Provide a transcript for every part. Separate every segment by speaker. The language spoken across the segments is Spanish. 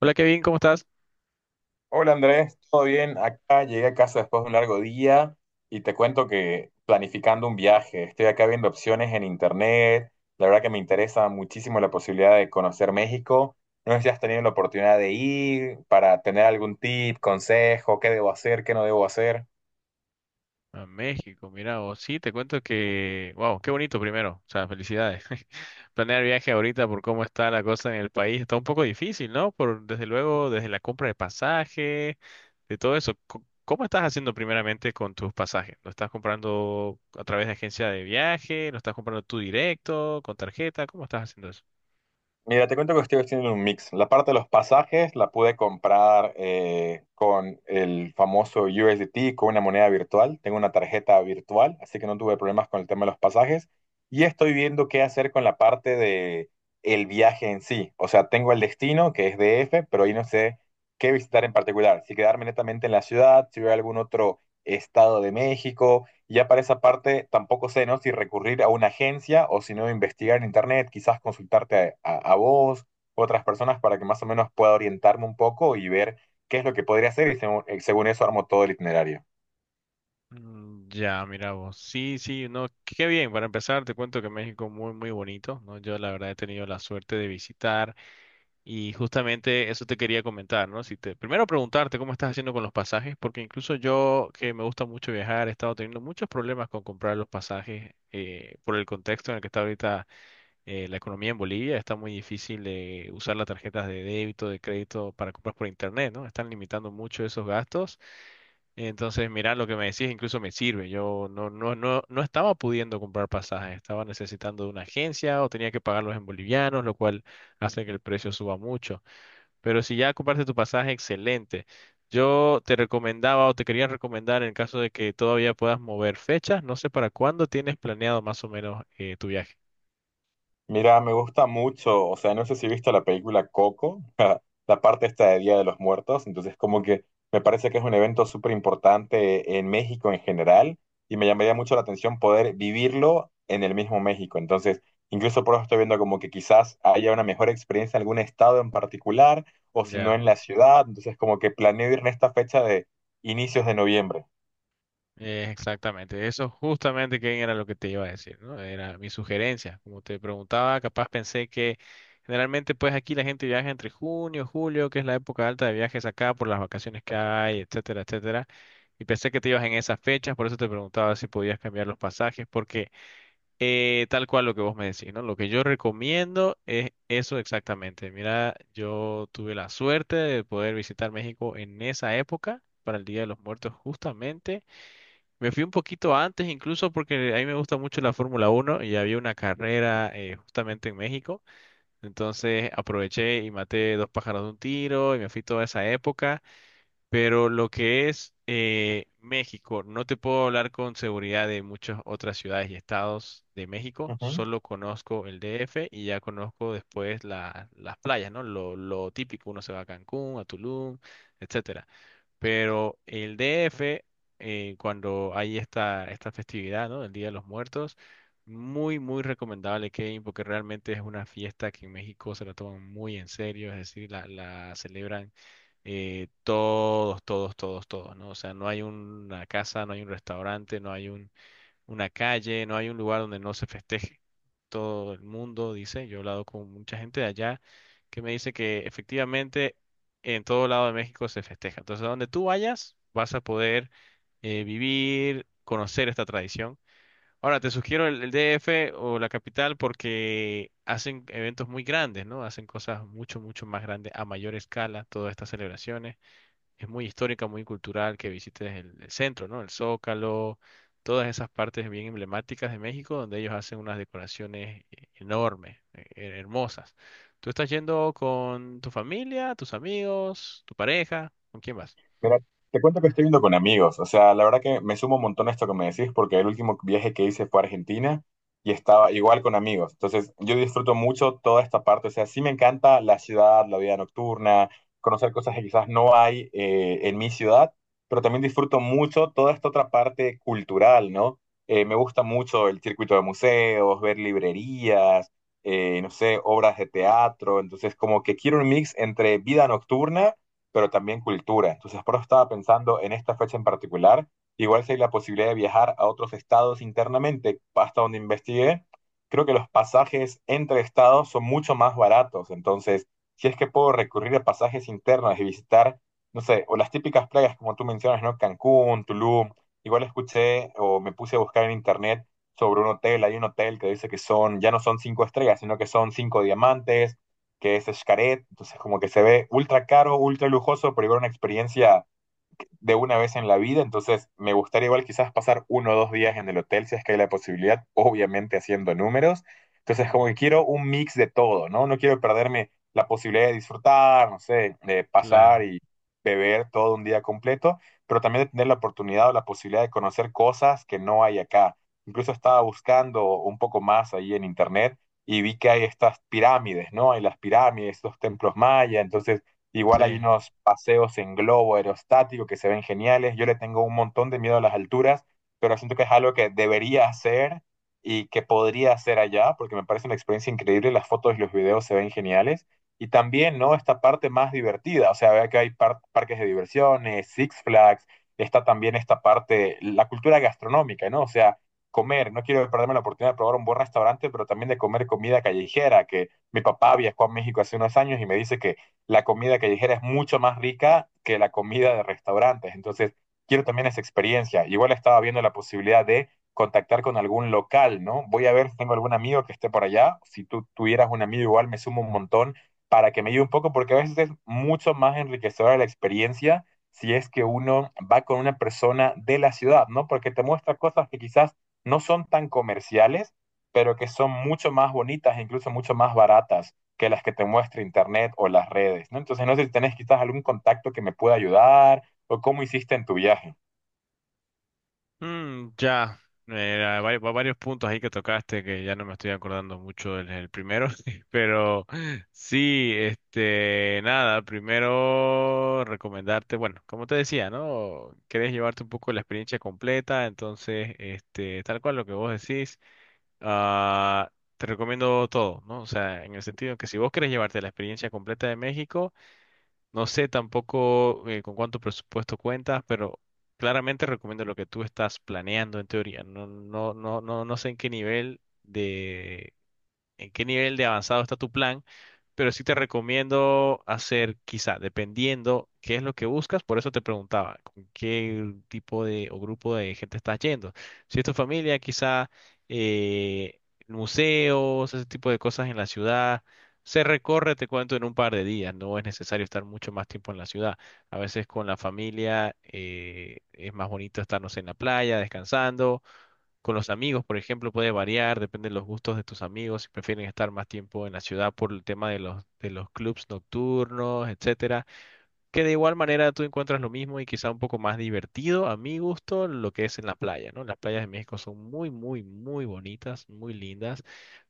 Speaker 1: Hola Kevin, ¿cómo estás?
Speaker 2: Hola Andrés, ¿todo bien? Acá llegué a casa después de un largo día y te cuento que planificando un viaje, estoy acá viendo opciones en internet, la verdad que me interesa muchísimo la posibilidad de conocer México. No sé si has tenido la oportunidad de ir para tener algún tip, consejo, qué debo hacer, qué no debo hacer.
Speaker 1: A México, mira vos, sí, te cuento que, wow, qué bonito primero, o sea, felicidades. Planear viaje ahorita por cómo está la cosa en el país está un poco difícil, ¿no? Por, desde luego, desde la compra de pasaje, de todo eso. ¿Cómo estás haciendo primeramente con tus pasajes? ¿Lo estás comprando a través de agencia de viaje? ¿Lo estás comprando tú directo, con tarjeta? ¿Cómo estás haciendo eso?
Speaker 2: Mira, te cuento que estoy haciendo un mix. La parte de los pasajes la pude comprar con el famoso USDT, con una moneda virtual. Tengo una tarjeta virtual, así que no tuve problemas con el tema de los pasajes. Y estoy viendo qué hacer con la parte de el viaje en sí. O sea, tengo el destino, que es DF, pero ahí no sé qué visitar en particular. Si quedarme netamente en la ciudad, si voy a algún otro estado de México, y ya para esa parte tampoco sé, ¿no? Si recurrir a una agencia o si no investigar en internet, quizás consultarte a vos, otras personas para que más o menos pueda orientarme un poco y ver qué es lo que podría hacer y según, según eso armo todo el itinerario.
Speaker 1: Mm, ya, mira vos. Sí, sí, no, qué bien. Para empezar, te cuento que México muy, muy bonito, ¿no? Yo la verdad he tenido la suerte de visitar. Y justamente eso te quería comentar, ¿no? Si te, primero preguntarte cómo estás haciendo con los pasajes, porque incluso yo, que me gusta mucho viajar, he estado teniendo muchos problemas con comprar los pasajes por el contexto en el que está ahorita la economía en Bolivia. Está muy difícil de usar las tarjetas de débito, de crédito para compras por internet, ¿no? Están limitando mucho esos gastos. Entonces, mira, lo que me decís incluso me sirve. Yo no estaba pudiendo comprar pasajes, estaba necesitando de una agencia o tenía que pagarlos en bolivianos, lo cual hace que el precio suba mucho. Pero si ya compraste tu pasaje, excelente. Yo te recomendaba o te quería recomendar en caso de que todavía puedas mover fechas, no sé para cuándo tienes planeado más o menos tu viaje.
Speaker 2: Mira, me gusta mucho, o sea, no sé si viste la película Coco, la parte esta de Día de los Muertos, entonces como que me parece que es un evento súper importante en México en general y me llamaría mucho la atención poder vivirlo en el mismo México, entonces incluso por eso estoy viendo como que quizás haya una mejor experiencia en algún estado en particular o si no
Speaker 1: Ya,
Speaker 2: en la ciudad, entonces como que planeo ir en esta fecha de inicios de noviembre.
Speaker 1: exactamente. Eso justamente que era lo que te iba a decir, ¿no? Era mi sugerencia. Como te preguntaba, capaz pensé que generalmente pues aquí la gente viaja entre junio, julio, que es la época alta de viajes acá por las vacaciones que hay, etcétera, etcétera. Y pensé que te ibas en esas fechas, por eso te preguntaba si podías cambiar los pasajes, porque... tal cual lo que vos me decís, ¿no? Lo que yo recomiendo es eso exactamente. Mira, yo tuve la suerte de poder visitar México en esa época, para el Día de los Muertos justamente. Me fui un poquito antes incluso porque a mí me gusta mucho la Fórmula Uno y había una carrera justamente en México. Entonces aproveché y maté dos pájaros de un tiro y me fui toda esa época. Pero lo que es México, no te puedo hablar con seguridad de muchas otras ciudades y estados de México, solo conozco el DF y ya conozco después las playas, ¿no? Lo típico, uno se va a Cancún, a Tulum, etcétera. Pero el DF, cuando hay esta, esta festividad, ¿no? El Día de los Muertos, muy, muy recomendable, Kevin, porque realmente es una fiesta que en México se la toman muy en serio, es decir, la celebran todos, todos, todos, todos, ¿no? O sea, no hay una casa, no hay un restaurante, no hay un, una calle, no hay un lugar donde no se festeje. Todo el mundo dice, yo he hablado con mucha gente de allá que me dice que efectivamente en todo lado de México se festeja. Entonces, a donde tú vayas, vas a poder vivir, conocer esta tradición. Ahora, te sugiero el DF o la capital porque hacen eventos muy grandes, ¿no? Hacen cosas mucho, mucho más grandes a mayor escala, todas estas celebraciones es muy histórica, muy cultural, que visites el centro, ¿no? El Zócalo, todas esas partes bien emblemáticas de México, donde ellos hacen unas decoraciones enormes, hermosas. ¿Tú estás yendo con tu familia, tus amigos, tu pareja? ¿Con quién vas?
Speaker 2: Mira, te cuento que estoy yendo con amigos, o sea, la verdad que me sumo un montón a esto que me decís porque el último viaje que hice fue a Argentina y estaba igual con amigos. Entonces, yo disfruto mucho toda esta parte, o sea, sí me encanta la ciudad, la vida nocturna, conocer cosas que quizás no hay en mi ciudad, pero también disfruto mucho toda esta otra parte cultural, ¿no? Me gusta mucho el circuito de museos, ver librerías, no sé, obras de teatro, entonces como que quiero un mix entre vida nocturna pero también cultura. Entonces, por eso estaba pensando en esta fecha en particular. Igual si hay la posibilidad de viajar a otros estados internamente, hasta donde investigué, creo que los pasajes entre estados son mucho más baratos. Entonces, si es que puedo recurrir a pasajes internos y visitar, no sé, o las típicas playas como tú mencionas, ¿no? Cancún, Tulum. Igual escuché o me puse a buscar en internet sobre un hotel. Hay un hotel que dice que son, ya no son cinco estrellas, sino que son cinco diamantes que es Xcaret, entonces como que se ve ultra caro, ultra lujoso, pero igual una experiencia de una vez en la vida, entonces me gustaría igual quizás pasar uno o dos días en el hotel si es que hay la posibilidad, obviamente haciendo números. Entonces como
Speaker 1: Mm,
Speaker 2: que quiero un mix de todo, ¿no? No quiero perderme la posibilidad de disfrutar, no sé, de pasar
Speaker 1: claro,
Speaker 2: y beber todo un día completo, pero también de tener la oportunidad o la posibilidad de conocer cosas que no hay acá. Incluso estaba buscando un poco más ahí en internet y vi que hay estas pirámides, ¿no? Hay las pirámides, estos templos mayas, entonces Igual hay
Speaker 1: sí.
Speaker 2: unos paseos en globo aerostático que se ven geniales. Yo le tengo un montón de miedo a las alturas, pero siento que es algo que debería hacer y que podría hacer allá, porque me parece una experiencia increíble. Las fotos y los videos se ven geniales. Y también, ¿no? Esta parte más divertida. O sea, vea que hay parques de diversiones, Six Flags. Está también esta parte, la cultura gastronómica, ¿no? O sea, comer. No quiero perderme la oportunidad de probar un buen restaurante, pero también de comer comida callejera, que mi papá viajó a México hace unos años y me dice que la comida callejera es mucho más rica que la comida de restaurantes. Entonces, quiero también esa experiencia. Igual estaba viendo la posibilidad de contactar con algún local, ¿no? Voy a ver si tengo algún amigo que esté por allá. Si tú tuvieras un amigo igual, me sumo un montón para que me ayude un poco, porque a veces es mucho más enriquecedora la experiencia si es que uno va con una persona de la ciudad, ¿no? Porque te muestra cosas que quizás no son tan comerciales, pero que son mucho más bonitas e incluso mucho más baratas que las que te muestra internet o las redes, ¿no? Entonces, no sé si tenés quizás algún contacto que me pueda ayudar o cómo hiciste en tu viaje.
Speaker 1: Mm, ya, varios puntos ahí que tocaste que ya no me estoy acordando mucho del primero, pero sí, este, nada, primero recomendarte, bueno, como te decía, ¿no? Querés llevarte un poco la experiencia completa, entonces, este, tal cual lo que vos decís, ah, te recomiendo todo, ¿no? O sea, en el sentido que si vos querés llevarte la experiencia completa de México, no sé tampoco con cuánto presupuesto cuentas, pero claramente recomiendo lo que tú estás planeando en teoría. No sé en qué nivel de avanzado está tu plan, pero sí te recomiendo hacer, quizá, dependiendo qué es lo que buscas, por eso te preguntaba, con qué tipo de o grupo de gente estás yendo. Si es tu familia, quizá eh, museos, ese tipo de cosas en la ciudad. Se recorre, te cuento, en un par de días, no es necesario estar mucho más tiempo en la ciudad. A veces con la familia es más bonito estarnos en la playa, descansando con los amigos, por ejemplo, puede variar, depende de los gustos de tus amigos, si prefieren estar más tiempo en la ciudad por el tema de de los clubs nocturnos, etcétera. Que de igual manera tú encuentras lo mismo y quizá un poco más divertido, a mi gusto, lo que es en la playa, ¿no? Las playas de México son muy, muy, muy bonitas, muy lindas.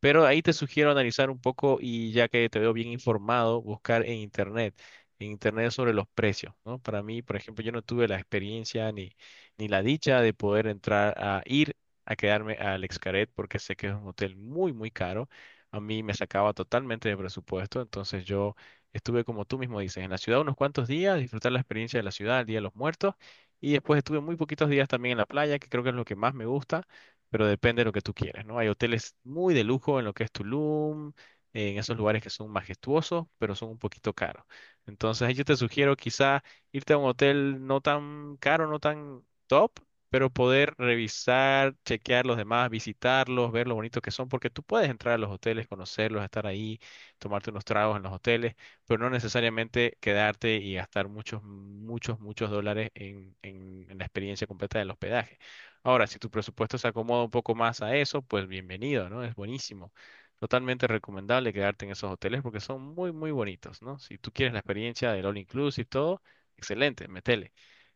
Speaker 1: Pero ahí te sugiero analizar un poco y ya que te veo bien informado, buscar en internet sobre los precios, ¿no? Para mí, por ejemplo, yo no tuve la experiencia ni la dicha de poder entrar a ir a quedarme al Xcaret porque sé que es un hotel muy, muy caro. A mí me sacaba totalmente de presupuesto, entonces yo estuve como tú mismo dices, en la ciudad unos cuantos días, disfrutar la experiencia de la ciudad, el Día de los Muertos, y después estuve muy poquitos días también en la playa, que creo que es lo que más me gusta pero depende de lo que tú quieras, ¿no? Hay hoteles muy de lujo en lo que es Tulum, en esos lugares que son majestuosos, pero son un poquito caros. Entonces, yo te sugiero quizá irte a un hotel no tan caro, no tan top, pero poder revisar, chequear los demás, visitarlos, ver lo bonito que son, porque tú puedes entrar a los hoteles, conocerlos, estar ahí, tomarte unos tragos en los hoteles, pero no necesariamente quedarte y gastar muchos, muchos, muchos dólares en la experiencia completa del hospedaje. Ahora, si tu presupuesto se acomoda un poco más a eso, pues bienvenido, ¿no? Es buenísimo. Totalmente recomendable quedarte en esos hoteles porque son muy, muy bonitos, ¿no? Si tú quieres la experiencia del all inclusive y todo, excelente, metele.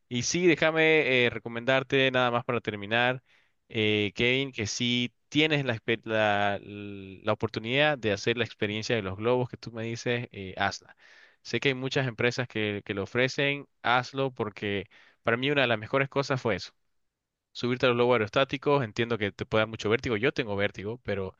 Speaker 1: Y sí, déjame recomendarte nada más para terminar, Kevin, que si tienes la oportunidad de hacer la experiencia de los globos que tú me dices, hazla. Sé que hay muchas empresas que lo ofrecen, hazlo porque para mí una de las mejores cosas fue eso, subirte a los globos aerostáticos, entiendo que te puede dar mucho vértigo, yo tengo vértigo, pero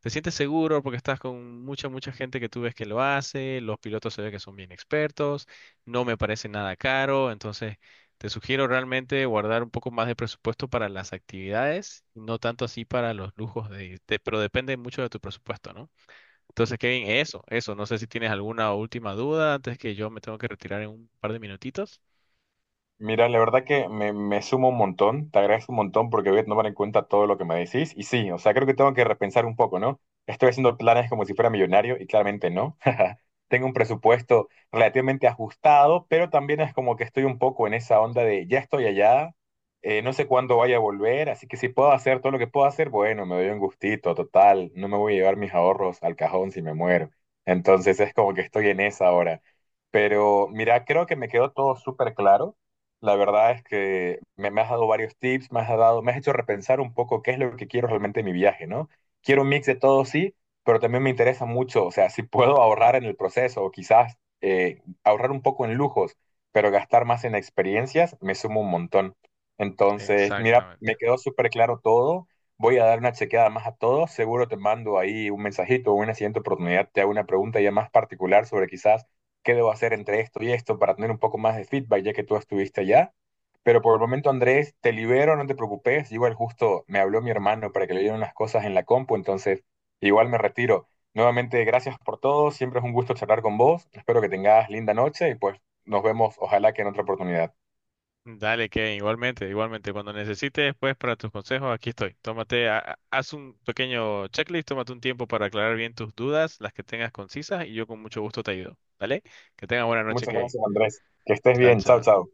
Speaker 1: te sientes seguro porque estás con mucha, mucha gente que tú ves que lo hace, los pilotos se ve que son bien expertos, no me parece nada caro, entonces te sugiero realmente guardar un poco más de presupuesto para las actividades, no tanto así para los lujos pero depende mucho de tu presupuesto, ¿no? Entonces, Kevin, eso, no sé si tienes alguna última duda antes que yo me tengo que retirar en un par de minutitos.
Speaker 2: Mira, la verdad que me sumo un montón, te agradezco un montón porque voy a tomar en cuenta todo lo que me decís. Y sí, o sea, creo que tengo que repensar un poco, ¿no? Estoy haciendo planes como si fuera millonario y claramente no. Tengo un presupuesto relativamente ajustado, pero también es como que estoy un poco en esa onda de ya estoy allá, no sé cuándo vaya a volver, así que si puedo hacer todo lo que puedo hacer, bueno, me doy un gustito, total, no me voy a llevar mis ahorros al cajón si me muero.
Speaker 1: Ujú.
Speaker 2: Entonces es como que estoy en esa ahora. Pero mira, creo que me quedó todo súper claro. La verdad es que me has dado varios tips, me has dado, me has hecho repensar un poco qué es lo que quiero realmente en mi viaje, ¿no? Quiero un mix de todo, sí, pero también me interesa mucho, o sea, si puedo ahorrar en el proceso o quizás ahorrar un poco en lujos, pero gastar más en experiencias, me sumo un montón. Entonces, mira,
Speaker 1: Exactamente.
Speaker 2: me quedó súper claro todo. Voy a dar una chequeada más a todo. Seguro te mando ahí un mensajito o en una siguiente oportunidad te hago una pregunta ya más particular sobre quizás qué debo hacer entre esto y esto para tener un poco más de feedback, ya que tú estuviste allá. Pero por el momento, Andrés, te libero, no te preocupes. Igual justo me habló mi hermano para que le dieran unas cosas en la compu, entonces igual me retiro. Nuevamente, gracias por todo. Siempre es un gusto charlar con vos. Espero que tengas linda noche y pues nos vemos, ojalá que en otra oportunidad.
Speaker 1: Dale, Kevin, igualmente, igualmente. Cuando necesites, pues, para tus consejos, aquí estoy. Tómate, haz un pequeño checklist, tómate un tiempo para aclarar bien tus dudas, las que tengas concisas, y yo con mucho gusto te ayudo. ¿Vale? Que tengas buena noche,
Speaker 2: Muchas
Speaker 1: Kevin.
Speaker 2: gracias, Andrés. Que estés
Speaker 1: Chao,
Speaker 2: bien. Chao,
Speaker 1: chao.
Speaker 2: chao.